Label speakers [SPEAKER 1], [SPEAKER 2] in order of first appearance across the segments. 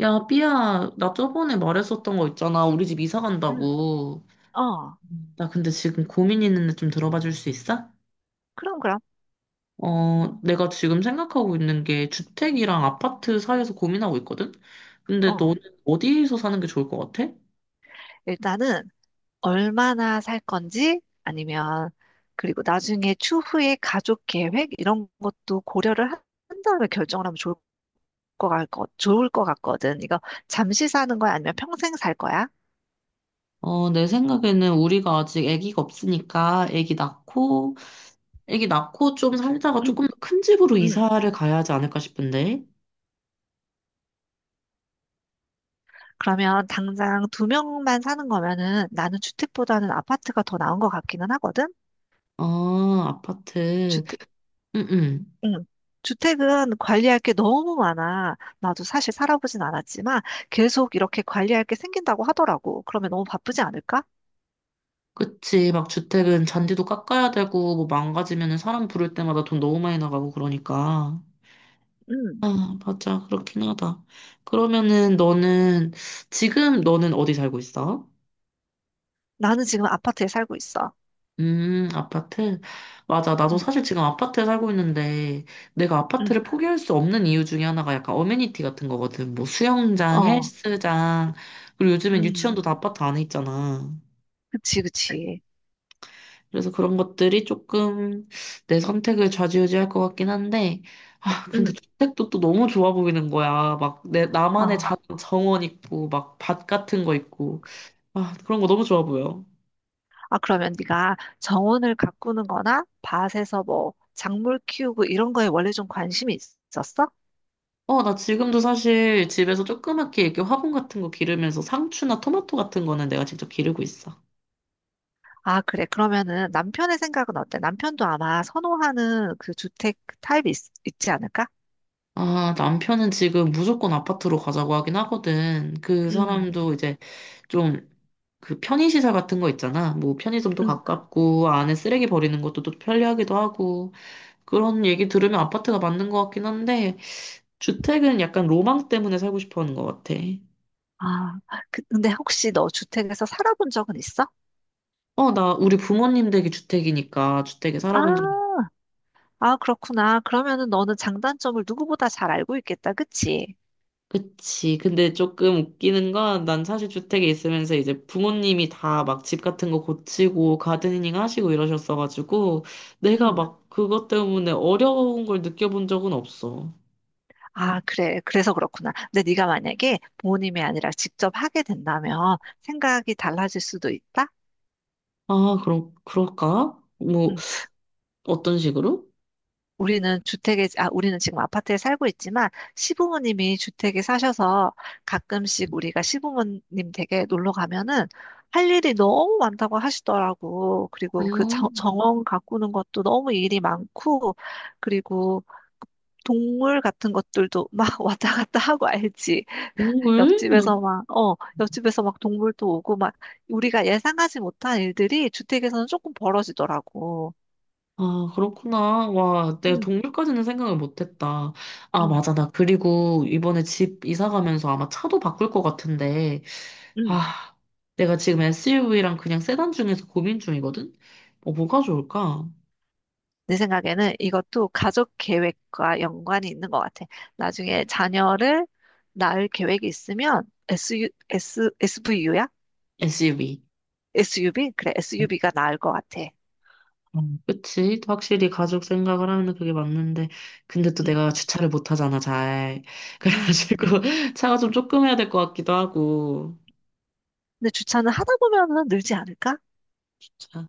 [SPEAKER 1] 야, 삐야, 나 저번에 말했었던 거 있잖아. 우리 집 이사
[SPEAKER 2] 음,
[SPEAKER 1] 간다고.
[SPEAKER 2] 어,
[SPEAKER 1] 나 근데 지금 고민 있는데 좀 들어봐 줄 수 있어?
[SPEAKER 2] 그럼, 그럼.
[SPEAKER 1] 내가 지금 생각하고 있는 게 주택이랑 아파트 사이에서 고민하고 있거든? 근데
[SPEAKER 2] 어,
[SPEAKER 1] 너는 어디에서 사는 게 좋을 것 같아?
[SPEAKER 2] 일단은 얼마나 살 건지, 아니면 그리고 나중에 추후에 가족 계획 이런 것도 고려를 한 다음에 결정을 하면 것 같, 좋을 것 같거든. 이거 잠시 사는 거야? 아니면 평생 살 거야?
[SPEAKER 1] 내 생각에는 우리가 아직 아기가 없으니까 아기 낳고 좀 살다가
[SPEAKER 2] 응.
[SPEAKER 1] 조금 더 큰 집으로
[SPEAKER 2] 응.
[SPEAKER 1] 이사를 가야 하지 않을까 싶은데.
[SPEAKER 2] 그러면 당장 두 명만 사는 거면은 나는 주택보다는 아파트가 더 나은 것 같기는 하거든?
[SPEAKER 1] 어, 아파트. 응응.
[SPEAKER 2] 응. 주택은 관리할 게 너무 많아. 나도 사실 살아보진 않았지만 계속 이렇게 관리할 게 생긴다고 하더라고. 그러면 너무 바쁘지 않을까?
[SPEAKER 1] 그치. 막 주택은 잔디도 깎아야 되고, 뭐 망가지면은 사람 부를 때마다 돈 너무 많이 나가고 그러니까.
[SPEAKER 2] 응.
[SPEAKER 1] 아, 맞아. 그렇긴 하다. 그러면은 너는, 지금 너는 어디 살고 있어?
[SPEAKER 2] 나는 지금 아파트에 살고 있어.
[SPEAKER 1] 아파트? 맞아. 나도
[SPEAKER 2] 응,
[SPEAKER 1] 사실 지금 아파트에 살고 있는데, 내가
[SPEAKER 2] 응,
[SPEAKER 1] 아파트를 포기할 수 없는 이유 중에 하나가 약간 어메니티 같은 거거든. 뭐 수영장,
[SPEAKER 2] 어,
[SPEAKER 1] 헬스장, 그리고 요즘엔 유치원도
[SPEAKER 2] 응.
[SPEAKER 1] 다 아파트 안에 있잖아.
[SPEAKER 2] 그치, 그치.
[SPEAKER 1] 그래서 그런 것들이 조금 내 선택을 좌지우지할 것 같긴 한데, 아, 근데
[SPEAKER 2] 응,
[SPEAKER 1] 주택도 또 너무 좋아 보이는 거야. 막 나만의
[SPEAKER 2] 어.
[SPEAKER 1] 작은 정원 있고, 막 밭 같은 거 있고. 아, 그런 거 너무 좋아 보여.
[SPEAKER 2] 아, 그러면 네가 정원을 가꾸는 거나 밭에서 뭐 작물 키우고 이런 거에 원래 좀 관심이 있었어?
[SPEAKER 1] 어, 나 지금도 사실 집에서 조그맣게 이렇게 화분 같은 거 기르면서 상추나 토마토 같은 거는 내가 직접 기르고 있어.
[SPEAKER 2] 아, 그래. 그러면은 남편의 생각은 어때? 남편도 아마 선호하는 그 주택 타입이 있지 않을까?
[SPEAKER 1] 아, 남편은 지금 무조건 아파트로 가자고 하긴 하거든. 그
[SPEAKER 2] 음.
[SPEAKER 1] 사람도 이제 좀 그 편의시설 같은 거 있잖아. 뭐 편의점도
[SPEAKER 2] 응.
[SPEAKER 1] 가깝고 안에 쓰레기 버리는 것도 또 편리하기도 하고 그런 얘기 들으면 아파트가 맞는 것 같긴 한데 주택은 약간 로망 때문에 살고 싶어 하는 것 같아.
[SPEAKER 2] 아, 근데 혹시 너 주택에서 살아본 적은 있어?
[SPEAKER 1] 어, 나 우리 부모님 댁이 주택이니까 주택에 살아본 적
[SPEAKER 2] 아, 아, 그렇구나. 그러면은 너는 장단점을 누구보다 잘 알고 있겠다. 그치?
[SPEAKER 1] 그치. 근데 조금 웃기는 건 난 사실 주택에 있으면서 이제 부모님이 다 막 집 같은 거 고치고 가드닝 하시고 이러셨어가지고 내가
[SPEAKER 2] 응.
[SPEAKER 1] 막 그것 때문에 어려운 걸 느껴본 적은 없어.
[SPEAKER 2] 아, 그래. 그래서 그렇구나. 근데 네가 만약에 부모님이 아니라 직접 하게 된다면 생각이 달라질 수도 있다?
[SPEAKER 1] 아, 그럼, 그럴까? 뭐, 어떤 식으로?
[SPEAKER 2] 아, 우리는 지금 아파트에 살고 있지만 시부모님이 주택에 사셔서 가끔씩 우리가 시부모님 댁에 놀러 가면은 할 일이 너무 많다고 하시더라고. 그리고 그
[SPEAKER 1] 음,
[SPEAKER 2] 정원 가꾸는 것도 너무 일이 많고, 그리고 동물 같은 것들도 막 왔다 갔다 하고 알지.
[SPEAKER 1] 동물?
[SPEAKER 2] 옆집에서 막, 어, 옆집에서 막 동물도 오고 막 우리가 예상하지 못한 일들이 주택에서는 조금 벌어지더라고.
[SPEAKER 1] 아, 그렇구나. 와, 내가
[SPEAKER 2] 응,
[SPEAKER 1] 동물까지는 생각을 못했다. 아,
[SPEAKER 2] 응,
[SPEAKER 1] 맞아. 나 그리고 이번에 집 이사 가면서 아마 차도 바꿀 것 같은데,
[SPEAKER 2] 응.
[SPEAKER 1] 아, 내가 지금 SUV랑 그냥 세단 중에서 고민 중이거든? 어, 뭐가 좋을까?
[SPEAKER 2] 내 생각에는 이것도 가족 계획과 연관이 있는 것 같아. 나중에 자녀를 낳을 계획이 있으면 SU, v u 야.
[SPEAKER 1] SUV.
[SPEAKER 2] SUV? 그래, SUV가 나을 것 같아.
[SPEAKER 1] 어, 그치? 확실히 가족 생각을 하면 그게 맞는데, 근데 또
[SPEAKER 2] 음,
[SPEAKER 1] 내가 주차를 못 하잖아, 잘.
[SPEAKER 2] 음.
[SPEAKER 1] 그래가지고, 차가 좀 조금 해야 될 것 같기도 하고,
[SPEAKER 2] 근데 주차는 하다 보면은 늘지 않을까?
[SPEAKER 1] 진짜,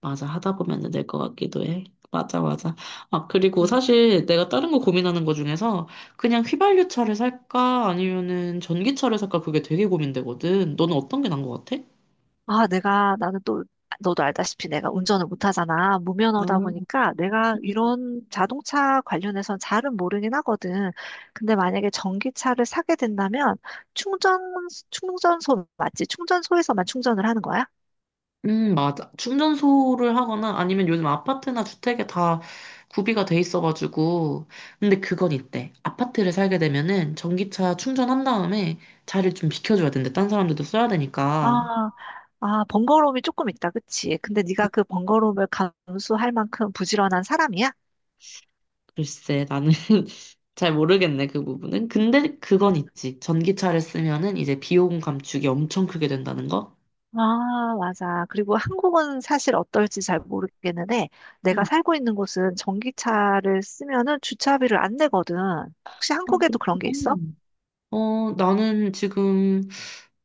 [SPEAKER 1] 맞아, 하다 보면 될 것 같기도 해. 맞아, 맞아. 아, 그리고 사실 내가 다른 거 고민하는 거 중에서, 그냥 휘발유 차를 살까, 아니면은 전기차를 살까, 그게 되게 고민되거든. 너는 어떤 게 나은 것 같아?
[SPEAKER 2] 아, 나는 또, 너도 알다시피 내가 운전을 못하잖아.
[SPEAKER 1] 아.
[SPEAKER 2] 무면허다 보니까 내가 이런 자동차 관련해선 잘은 모르긴 하거든. 근데 만약에 전기차를 사게 된다면 충전, 충전소 맞지? 충전소에서만 충전을 하는 거야?
[SPEAKER 1] 맞아. 충전소를 하거나 아니면 요즘 아파트나 주택에 다 구비가 돼 있어가지고. 근데 그건 있대. 아파트를 살게 되면은 전기차 충전한 다음에 자리를 좀 비켜줘야 된대. 딴 사람들도 써야 되니까.
[SPEAKER 2] 아, 아, 번거로움이 조금 있다. 그치? 근데 네가 그 번거로움을 감수할 만큼 부지런한 사람이야?
[SPEAKER 1] 글쎄, 나는 잘 모르겠네, 그 부분은. 근데 그건
[SPEAKER 2] 응.
[SPEAKER 1] 있지. 전기차를 쓰면은 이제 비용 감축이 엄청 크게 된다는 거?
[SPEAKER 2] 아, 맞아. 그리고 한국은 사실 어떨지 잘 모르겠는데, 내가
[SPEAKER 1] 응.
[SPEAKER 2] 살고 있는 곳은 전기차를 쓰면은 주차비를 안 내거든. 혹시
[SPEAKER 1] 아,
[SPEAKER 2] 한국에도
[SPEAKER 1] 그렇구나.
[SPEAKER 2] 그런 게 있어?
[SPEAKER 1] 나는 지금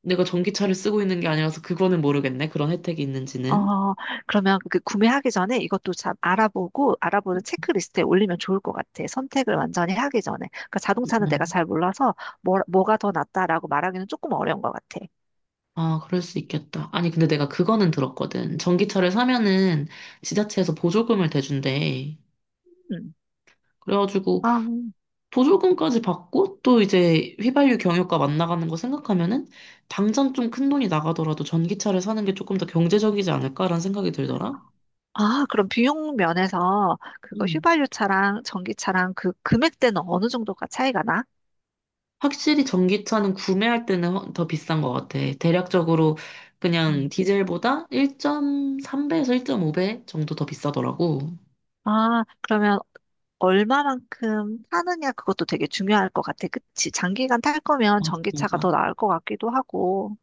[SPEAKER 1] 내가 전기차를 쓰고 있는 게 아니라서 그거는 모르겠네. 그런 혜택이 있는지는.
[SPEAKER 2] 어, 그러면 그 구매하기 전에 이것도 참 알아보고, 알아보는 체크리스트에 올리면 좋을 것 같아. 선택을 완전히 하기 전에. 그러니까 자동차는 내가 잘 몰라서, 뭐가 더 낫다라고 말하기는 조금 어려운 것 같아.
[SPEAKER 1] 아, 그럴 수 있겠다. 아니, 근데 내가 그거는 들었거든. 전기차를 사면은 지자체에서 보조금을 대준대.
[SPEAKER 2] 음.
[SPEAKER 1] 그래가지고
[SPEAKER 2] 아,
[SPEAKER 1] 보조금까지 받고 또 이제 휘발유 경유가 만나가는 거 생각하면은 당장 좀 큰 돈이 나가더라도 전기차를 사는 게 조금 더 경제적이지 않을까라는 생각이 들더라.
[SPEAKER 2] 아, 그럼 비용 면에서 그거
[SPEAKER 1] 음.
[SPEAKER 2] 휘발유 차랑 전기차랑 그 금액대는 어느 정도가 차이가 나?
[SPEAKER 1] 확실히 전기차는 구매할 때는 더 비싼 것 같아. 대략적으로 그냥
[SPEAKER 2] 음.
[SPEAKER 1] 디젤보다 1.3배에서 1.5배 정도 더 비싸더라고.
[SPEAKER 2] 아, 그러면 얼마만큼 타느냐 그것도 되게 중요할 것 같아. 그치? 장기간 탈 거면
[SPEAKER 1] 맞아,
[SPEAKER 2] 전기차가
[SPEAKER 1] 맞아.
[SPEAKER 2] 더 나을 것 같기도 하고.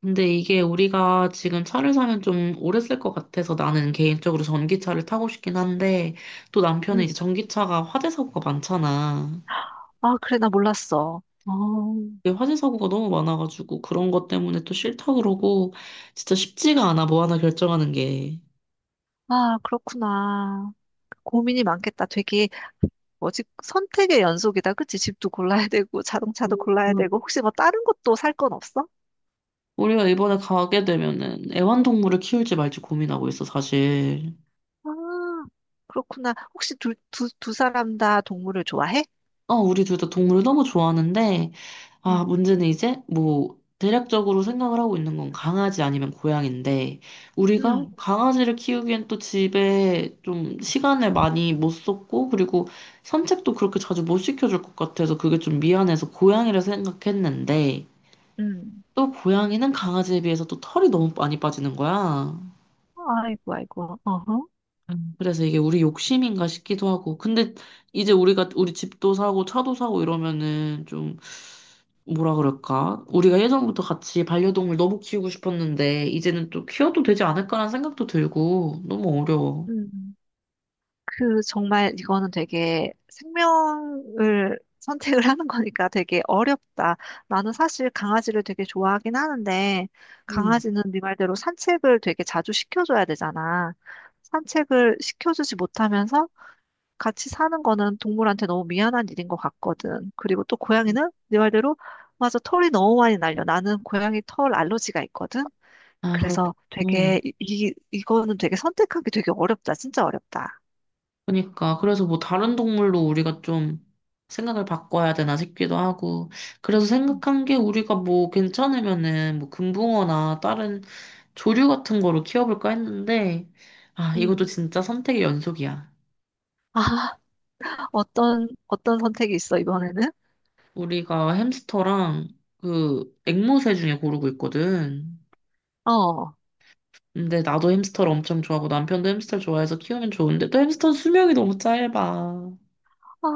[SPEAKER 1] 근데 이게 우리가 지금 차를 사면 좀 오래 쓸 것 같아서 나는 개인적으로 전기차를 타고 싶긴 한데 또 남편은 이제
[SPEAKER 2] 음.
[SPEAKER 1] 전기차가 화재 사고가 많잖아.
[SPEAKER 2] 아, 그래, 나 몰랐어. 어.
[SPEAKER 1] 이게 화재 사고가 너무 많아가지고 그런 것 때문에 또 싫다 그러고 진짜 쉽지가 않아 뭐 하나 결정하는 게.
[SPEAKER 2] 아, 그렇구나. 고민이 많겠다. 되게 뭐지? 선택의 연속이다. 그치? 집도 골라야 되고 자동차도 골라야
[SPEAKER 1] 음.
[SPEAKER 2] 되고 혹시 뭐 다른 것도 살 건 없어?
[SPEAKER 1] 우리가 이번에 가게 되면은 애완동물을 키울지 말지 고민하고 있어 사실.
[SPEAKER 2] 아, 그렇구나. 혹시 두 사람 다 동물을 좋아해?
[SPEAKER 1] 어, 우리 둘 다 동물을 너무 좋아하는데,
[SPEAKER 2] 응.
[SPEAKER 1] 문제는 이제, 뭐, 대략적으로 생각을 하고 있는 건 강아지 아니면 고양인데, 우리가
[SPEAKER 2] 응.
[SPEAKER 1] 강아지를 키우기엔 또 집에 좀 시간을 많이 못 썼고, 그리고 산책도 그렇게 자주 못 시켜줄 것 같아서 그게 좀 미안해서 고양이를 생각했는데,
[SPEAKER 2] 응.
[SPEAKER 1] 또 고양이는 강아지에 비해서 또 털이 너무 많이 빠지는 거야.
[SPEAKER 2] 아이고, 아이고. 어허.
[SPEAKER 1] 그래서 이게 우리 욕심인가 싶기도 하고. 근데 이제 우리가 우리 집도 사고 차도 사고 이러면은 좀 뭐라 그럴까? 우리가 예전부터 같이 반려동물 너무 키우고 싶었는데 이제는 또 키워도 되지 않을까라는 생각도 들고 너무 어려워.
[SPEAKER 2] 응. 그 정말 이거는 되게 생명을 선택을 하는 거니까 되게 어렵다. 나는 사실 강아지를 되게 좋아하긴 하는데
[SPEAKER 1] 음.
[SPEAKER 2] 강아지는 네 말대로 산책을 되게 자주 시켜줘야 되잖아. 산책을 시켜주지 못하면서 같이 사는 거는 동물한테 너무 미안한 일인 것 같거든. 그리고 또 고양이는 네 말대로 맞아, 털이 너무 많이 날려. 나는 고양이 털 알러지가 있거든.
[SPEAKER 1] 아, 그렇
[SPEAKER 2] 그래서
[SPEAKER 1] 군
[SPEAKER 2] 되게 이, 이 이거는 되게 선택하기 되게 어렵다. 진짜 어렵다.
[SPEAKER 1] 그러니까 그래서 뭐 다른 동물로 우리가 좀 생각을 바꿔야 되나 싶기도 하고 그래서 생각한 게 우리가 뭐 괜찮으면은 뭐 금붕어나 다른 조류 같은 거로 키워볼까 했는데 아 이것도
[SPEAKER 2] 음.
[SPEAKER 1] 진짜 선택의 연속이야.
[SPEAKER 2] 아, 어떤 선택이 있어, 이번에는?
[SPEAKER 1] 우리가 햄스터랑 그 앵무새 중에 고르고 있거든.
[SPEAKER 2] 어.
[SPEAKER 1] 근데 나도 햄스터를 엄청 좋아하고 남편도 햄스터를 좋아해서 키우면 좋은데 또 햄스터는 수명이 너무 짧아.
[SPEAKER 2] 아,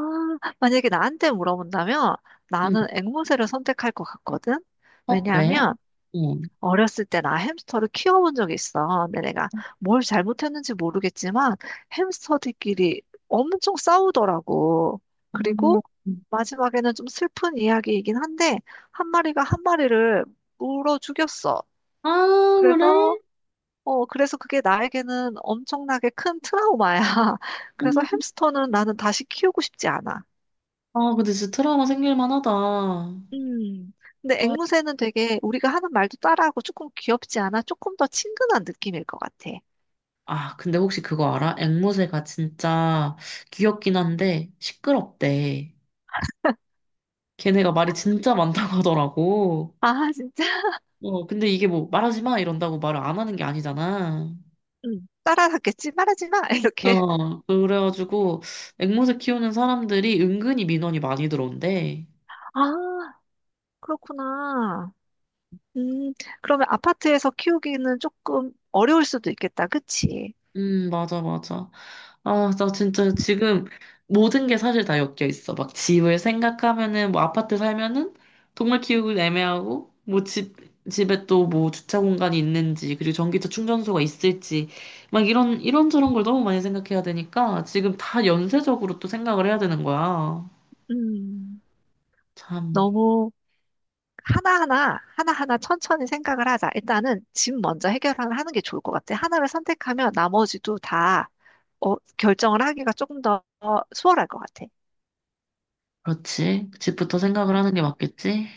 [SPEAKER 2] 만약에 나한테 물어본다면
[SPEAKER 1] 응.
[SPEAKER 2] 나는 앵무새를 선택할 것 같거든?
[SPEAKER 1] 어, 왜?
[SPEAKER 2] 왜냐하면
[SPEAKER 1] 응.
[SPEAKER 2] 어렸을 때 나 햄스터를 키워본 적이 있어. 근데 내가 뭘 잘못했는지 모르겠지만 햄스터들끼리 엄청 싸우더라고. 그리고 마지막에는 좀 슬픈 이야기이긴 한데 한 마리가 한 마리를 물어 죽였어.
[SPEAKER 1] 아,
[SPEAKER 2] 그래서
[SPEAKER 1] 그래?
[SPEAKER 2] 어, 그래서 그게 나에게는 엄청나게 큰 트라우마야. 그래서
[SPEAKER 1] 음.
[SPEAKER 2] 햄스터는 나는 다시 키우고 싶지 않아.
[SPEAKER 1] 아, 근데 진짜 트라우마 생길 만하다. 아,
[SPEAKER 2] 음. 근데 앵무새는 되게 우리가 하는 말도 따라하고 조금 귀엽지 않아? 조금 더 친근한 느낌일 것 같아.
[SPEAKER 1] 아, 근데 혹시 그거 알아? 앵무새가 진짜 귀엽긴 한데 시끄럽대. 걔네가 말이 진짜 많다고 하더라고.
[SPEAKER 2] 아, 진짜?
[SPEAKER 1] 어, 근데 이게 뭐 말하지 마 이런다고 말을 안 하는 게 아니잖아.
[SPEAKER 2] 음. 따라하겠지? 말하지 마! 이렇게.
[SPEAKER 1] 어, 그래가지고 앵무새 키우는 사람들이 은근히 민원이 많이 들어온대.
[SPEAKER 2] 아, 그렇구나. 음, 그러면 아파트에서 키우기는 조금 어려울 수도 있겠다. 그치?
[SPEAKER 1] 맞아, 맞아. 나 진짜 지금 모든 게 사실 다 엮여 있어. 막 집을 생각하면은, 뭐 아파트 살면은 동물 키우기 애매하고, 집에 또 뭐 주차 공간이 있는지, 그리고 전기차 충전소가 있을지, 막 이런저런 걸 너무 많이 생각해야 되니까 지금 다 연쇄적으로 또 생각을 해야 되는 거야.
[SPEAKER 2] 음.
[SPEAKER 1] 참,
[SPEAKER 2] 너무 하나하나, 하나하나 천천히 생각을 하자. 일단은 집 먼저 해결하는 하는 게 좋을 것 같아. 하나를 선택하면 나머지도 다 어, 결정을 하기가 조금 더 수월할 것 같아.
[SPEAKER 1] 그렇지. 집부터 생각을
[SPEAKER 2] 응.
[SPEAKER 1] 하는 게 맞겠지?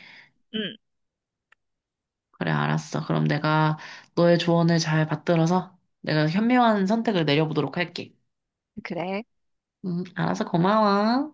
[SPEAKER 1] 그래, 알았어. 그럼 내가 너의 조언을 잘 받들어서 내가 현명한 선택을 내려보도록 할게.
[SPEAKER 2] 응, 그래.
[SPEAKER 1] 알아서 고마워.